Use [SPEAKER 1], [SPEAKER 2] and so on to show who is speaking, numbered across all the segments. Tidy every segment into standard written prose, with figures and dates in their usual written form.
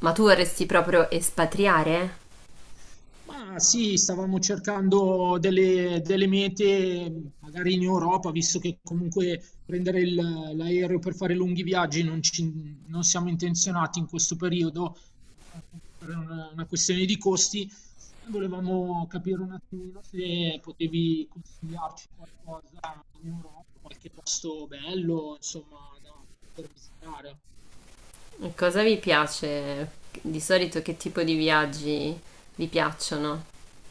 [SPEAKER 1] Ma tu vorresti proprio espatriare?
[SPEAKER 2] Ma sì, stavamo cercando delle mete, magari in Europa, visto che comunque prendere l'aereo per fare lunghi viaggi non siamo intenzionati in questo periodo, anche per una questione di costi, e volevamo capire un attimino se potevi consigliarci qualcosa in Europa, qualche posto bello, insomma, da poter visitare.
[SPEAKER 1] Cosa vi piace? Di solito che tipo di viaggi vi piacciono?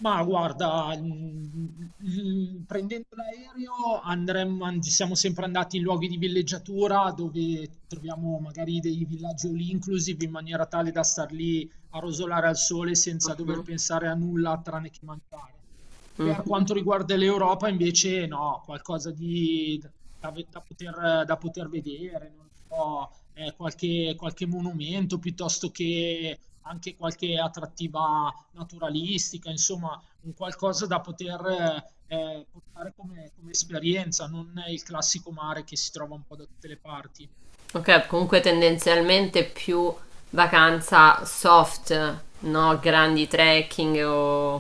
[SPEAKER 2] Ma guarda, prendendo l'aereo siamo sempre andati in luoghi di villeggiatura dove troviamo magari dei villaggi all inclusive in maniera tale da star lì a rosolare al sole senza dover
[SPEAKER 1] Mhm,
[SPEAKER 2] pensare a nulla tranne che mangiare. Per
[SPEAKER 1] mhm.
[SPEAKER 2] quanto riguarda l'Europa, invece, no, qualcosa di, da poter vedere, non lo so, qualche monumento piuttosto che anche qualche attrattiva naturalistica, insomma, un qualcosa da poter portare come, come esperienza, non il classico mare che si trova un po' da tutte le parti.
[SPEAKER 1] Ok, comunque tendenzialmente più vacanza soft, no? Grandi trekking o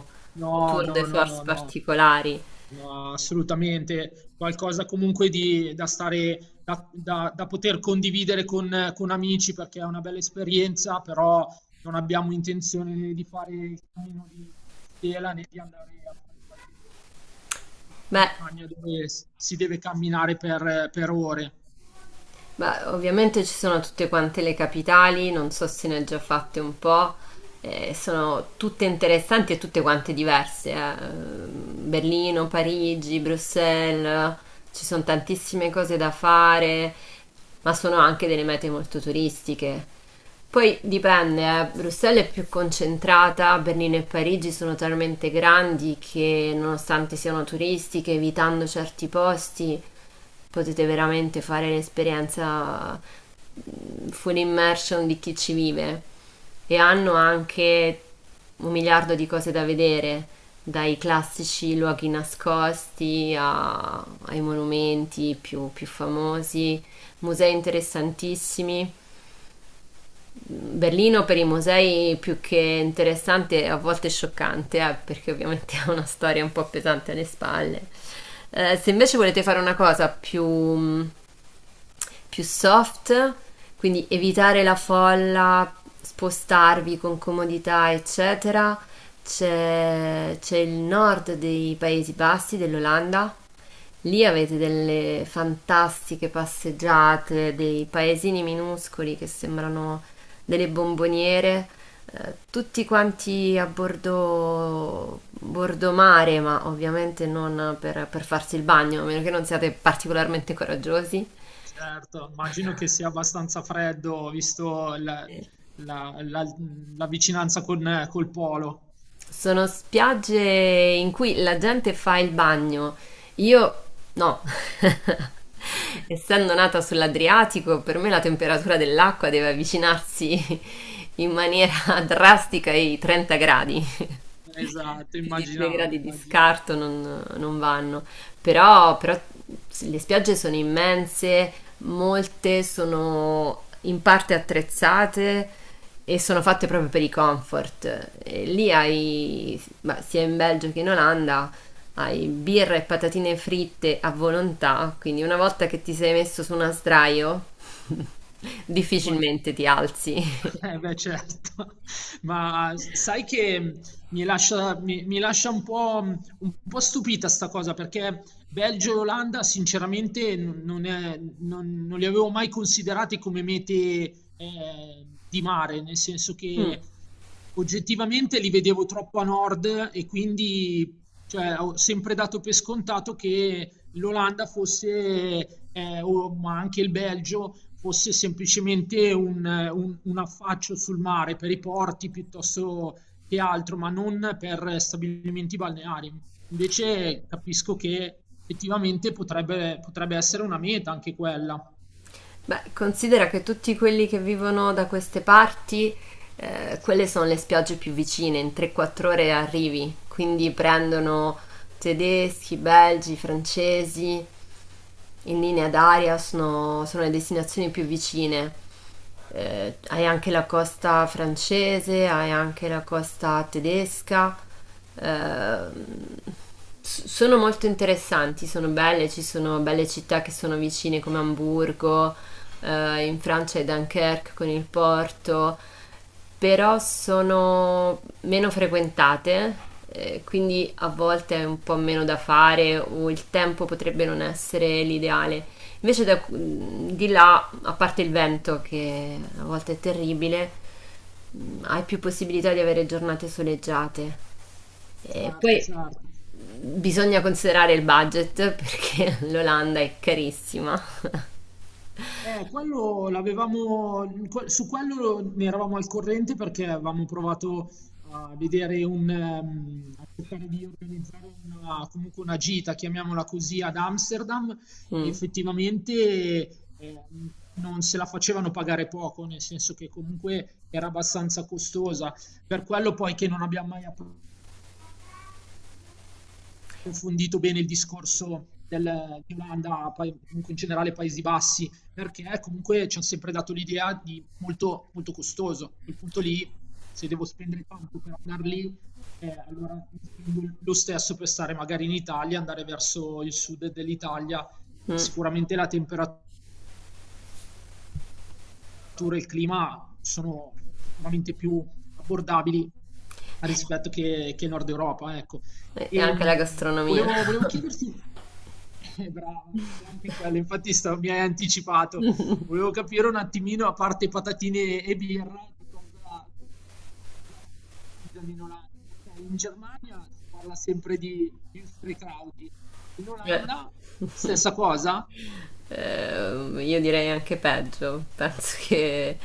[SPEAKER 1] o
[SPEAKER 2] No,
[SPEAKER 1] tour de
[SPEAKER 2] no, no,
[SPEAKER 1] force
[SPEAKER 2] no, no.
[SPEAKER 1] particolari.
[SPEAKER 2] No, assolutamente, qualcosa comunque di, da stare, da poter condividere con amici perché è una bella esperienza, però non abbiamo intenzione di fare il cammino di Compostela né di andare a fare qualche escursione in alta
[SPEAKER 1] Beh,
[SPEAKER 2] montagna dove si deve camminare per ore.
[SPEAKER 1] Beh, ovviamente ci sono tutte quante le capitali, non so se ne ho già fatte un po', sono tutte interessanti e tutte quante diverse, eh. Berlino, Parigi, Bruxelles, ci sono tantissime cose da fare, ma sono anche delle mete molto turistiche. Poi dipende, Bruxelles è più concentrata, Berlino e Parigi sono talmente grandi che, nonostante siano turistiche, evitando certi posti, potete veramente fare un'esperienza full immersion di chi ci vive. E hanno anche un miliardo di cose da vedere, dai classici luoghi nascosti ai monumenti più famosi, musei interessantissimi. Berlino per i musei più che interessante, a volte scioccante, perché ovviamente ha una storia un po' pesante alle spalle. Se invece volete fare una cosa più, più soft, quindi evitare la folla, spostarvi con comodità, eccetera, c'è il nord dei Paesi Bassi, dell'Olanda. Lì avete delle fantastiche passeggiate, dei paesini minuscoli che sembrano delle bomboniere, tutti quanti a bordo mare, ma ovviamente non per farsi il bagno, a meno che non siate particolarmente coraggiosi.
[SPEAKER 2] Certo, immagino che sia abbastanza freddo visto la- la- la vicinanza con, col polo.
[SPEAKER 1] Sono spiagge in cui la gente fa il bagno. Io no. Essendo nata sull'Adriatico, per me la temperatura dell'acqua deve avvicinarsi in maniera drastica ai 30 gradi.
[SPEAKER 2] Esatto,
[SPEAKER 1] Più di due
[SPEAKER 2] immaginavo,
[SPEAKER 1] gradi di
[SPEAKER 2] immaginavo.
[SPEAKER 1] scarto non vanno, però le spiagge sono immense, molte sono in parte attrezzate e sono fatte proprio per i comfort. E lì hai, ma sia in Belgio che in Olanda, hai birra e patatine fritte a volontà, quindi una volta che ti sei messo su una sdraio,
[SPEAKER 2] Vuoi
[SPEAKER 1] difficilmente ti alzi.
[SPEAKER 2] Eh beh certo, ma sai che mi lascia un po' stupita sta cosa perché Belgio e Olanda sinceramente n- non, è- non- non li avevo mai considerati come mete di mare, nel senso che oggettivamente li vedevo troppo a nord e quindi cioè, ho sempre dato per scontato che l'Olanda fosse, ma anche il Belgio, fosse semplicemente un affaccio sul mare per i porti piuttosto che altro, ma non per stabilimenti balneari. Invece capisco che effettivamente potrebbe essere una meta anche quella.
[SPEAKER 1] Beh, considera che tutti quelli che vivono da queste parti, quelle sono le spiagge più vicine, in 3-4 ore arrivi, quindi prendono tedeschi, belgi, francesi, in linea d'aria sono le destinazioni più vicine. Hai anche la costa francese, hai anche la costa tedesca. ehm, Sono molto interessanti, sono belle, ci sono belle città che sono vicine, come Amburgo, in Francia è Dunkerque con il Porto, però sono meno frequentate, quindi a volte è un po' meno da fare o il tempo potrebbe non essere l'ideale. Invece di là, a parte il vento che a volte è terribile, hai più possibilità di avere giornate soleggiate. E
[SPEAKER 2] Certo,
[SPEAKER 1] poi
[SPEAKER 2] certo.
[SPEAKER 1] bisogna considerare il budget perché l'Olanda è carissima.
[SPEAKER 2] Su quello ne eravamo al corrente perché avevamo provato a vedere a cercare di organizzare una, comunque una gita, chiamiamola così, ad Amsterdam e
[SPEAKER 1] Mm,
[SPEAKER 2] effettivamente non se la facevano pagare poco, nel senso che comunque era abbastanza costosa. Per quello poi che non abbiamo mai aperto approfondito bene il discorso di Olanda, poi comunque in generale Paesi Bassi, perché comunque ci hanno sempre dato l'idea di molto costoso. A quel punto lì, se devo spendere tanto per andare lì, allora spendo lo stesso per stare magari in Italia, andare verso il sud dell'Italia.
[SPEAKER 1] mm.
[SPEAKER 2] Sicuramente la temperatura e il clima sono sicuramente più abbordabili rispetto che il nord Europa, ecco.
[SPEAKER 1] E
[SPEAKER 2] E,
[SPEAKER 1] anche la gastronomia.
[SPEAKER 2] volevo chiederti, brava, e anche quello, infatti mi hai anticipato, volevo capire un attimino, a parte patatine e birra, che cosa mangiano in Olanda. Ok, in Germania si parla sempre di Würstelkrauti, in
[SPEAKER 1] Eh.
[SPEAKER 2] Olanda stessa cosa,
[SPEAKER 1] Io direi anche peggio, penso che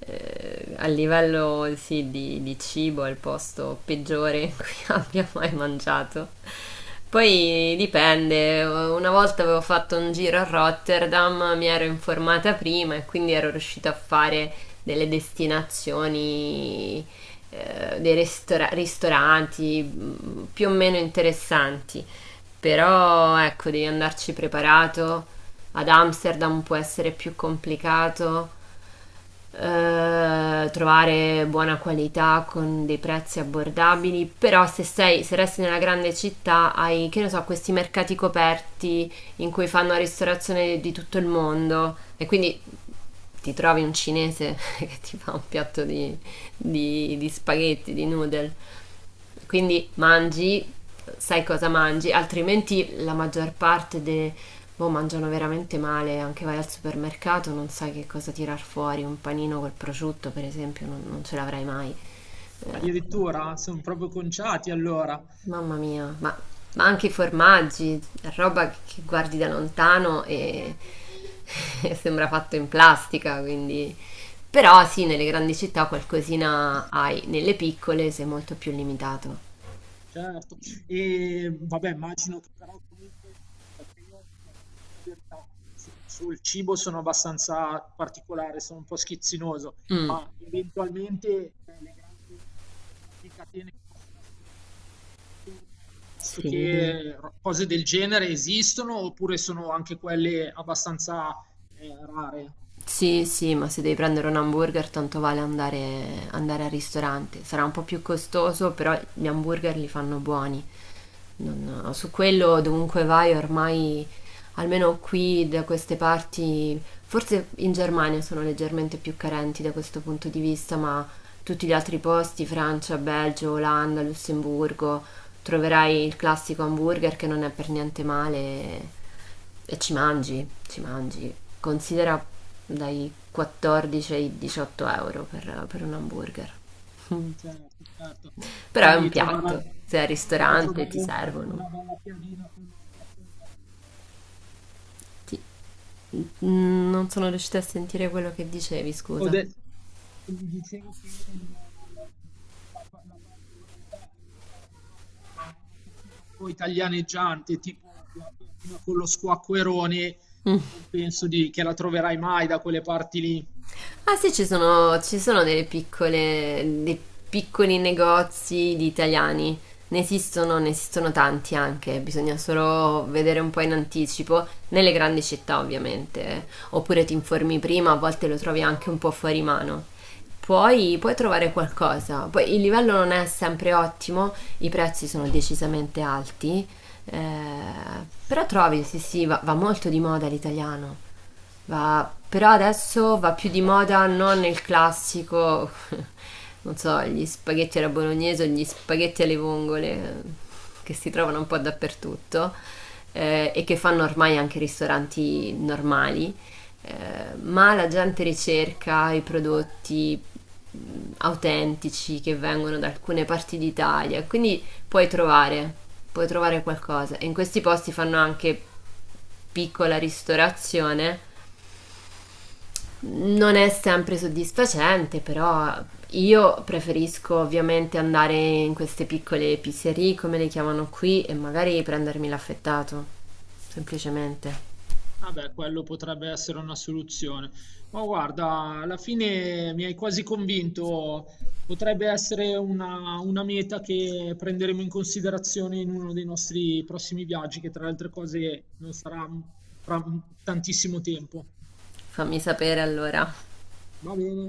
[SPEAKER 1] a livello sì, di, cibo è il posto peggiore in cui abbia mai mangiato. Poi dipende, una volta avevo fatto un giro a Rotterdam, mi ero informata prima e quindi ero riuscita a fare delle destinazioni, dei ristoranti più o meno interessanti. Però ecco, devi andarci preparato. Ad Amsterdam può essere più complicato, trovare buona qualità con dei prezzi abbordabili, però se sei, se resti nella grande città hai, che ne so, questi mercati coperti in cui fanno ristorazione di tutto il mondo, e quindi ti trovi un cinese che ti fa un piatto di di spaghetti, di noodle. Quindi mangi, sai cosa mangi, altrimenti la maggior parte boh, mangiano veramente male, anche vai al supermercato, non sai che cosa tirar fuori, un panino col prosciutto, per esempio, non ce l'avrai mai.
[SPEAKER 2] addirittura sono proprio conciati allora.
[SPEAKER 1] Mamma mia, ma anche i formaggi, roba che guardi da lontano e, e sembra fatto in plastica, quindi. Però sì, nelle grandi città qualcosina hai, nelle piccole sei molto più limitato.
[SPEAKER 2] Certo. Vabbè, immagino che però comunque perché io, dico la verità, s sul cibo sono abbastanza particolare, sono un po' schizzinoso,
[SPEAKER 1] Mm.
[SPEAKER 2] ma eventualmente, le grandi catene che possono essere intorno, piuttosto
[SPEAKER 1] Sì.
[SPEAKER 2] che ro cose del genere esistono oppure sono anche quelle abbastanza, rare?
[SPEAKER 1] Sì, sì, ma se devi prendere un hamburger, tanto vale andare, andare al ristorante. Sarà un po' più costoso, però gli hamburger li fanno buoni. No, su quello, dovunque vai, ormai, almeno qui da queste parti, forse in Germania sono leggermente più carenti da questo punto di vista, ma tutti gli altri posti, Francia, Belgio, Olanda, Lussemburgo, troverai il classico hamburger che non è per niente male e ci mangi, ci mangi. Considera dai 14 ai 18 euro per un hamburger.
[SPEAKER 2] Certo, certo.
[SPEAKER 1] Però è un
[SPEAKER 2] Quindi trovare
[SPEAKER 1] piatto, sei al
[SPEAKER 2] però
[SPEAKER 1] ristorante, ti
[SPEAKER 2] trovare una
[SPEAKER 1] servono.
[SPEAKER 2] bella piadina con lo squacquerone.
[SPEAKER 1] Ti- Mm, non sono riuscita a sentire quello che dicevi,
[SPEAKER 2] Ho
[SPEAKER 1] scusa.
[SPEAKER 2] de dicevo che il la parte brutta è che fare una cucina un po' italianeggiante, tipo la piadina con lo squacquerone, non penso di che la troverai mai da quelle parti lì.
[SPEAKER 1] Ah sì, ci sono delle piccole, dei piccoli negozi di italiani. Ne esistono tanti anche, bisogna solo vedere un po' in anticipo, nelle grandi città ovviamente, oppure ti informi prima, a volte lo trovi anche un po' fuori mano. Poi puoi trovare qualcosa, poi il livello non è sempre ottimo, i prezzi sono decisamente alti, eh, però trovi, sì sì, va, molto di moda l'italiano. Però adesso va più di moda non il classico, non so, gli spaghetti alla bolognese o gli spaghetti alle vongole, che si trovano un po' dappertutto, e che fanno ormai anche ristoranti normali, eh, ma la gente ricerca i prodotti mh, autentici che vengono da alcune parti d'Italia, quindi puoi trovare, qualcosa. E in questi posti fanno anche piccola ristorazione, non è sempre soddisfacente, però io preferisco ovviamente andare in queste piccole pizzerie, come le chiamano qui, e magari prendermi l'affettato. Semplicemente.
[SPEAKER 2] Vabbè, quello potrebbe essere una soluzione. Ma guarda, alla fine mi hai quasi convinto. Potrebbe essere una meta che prenderemo in considerazione in uno dei nostri prossimi viaggi, che tra le altre cose non sarà fra tantissimo tempo.
[SPEAKER 1] Fammi sapere allora.
[SPEAKER 2] Va bene.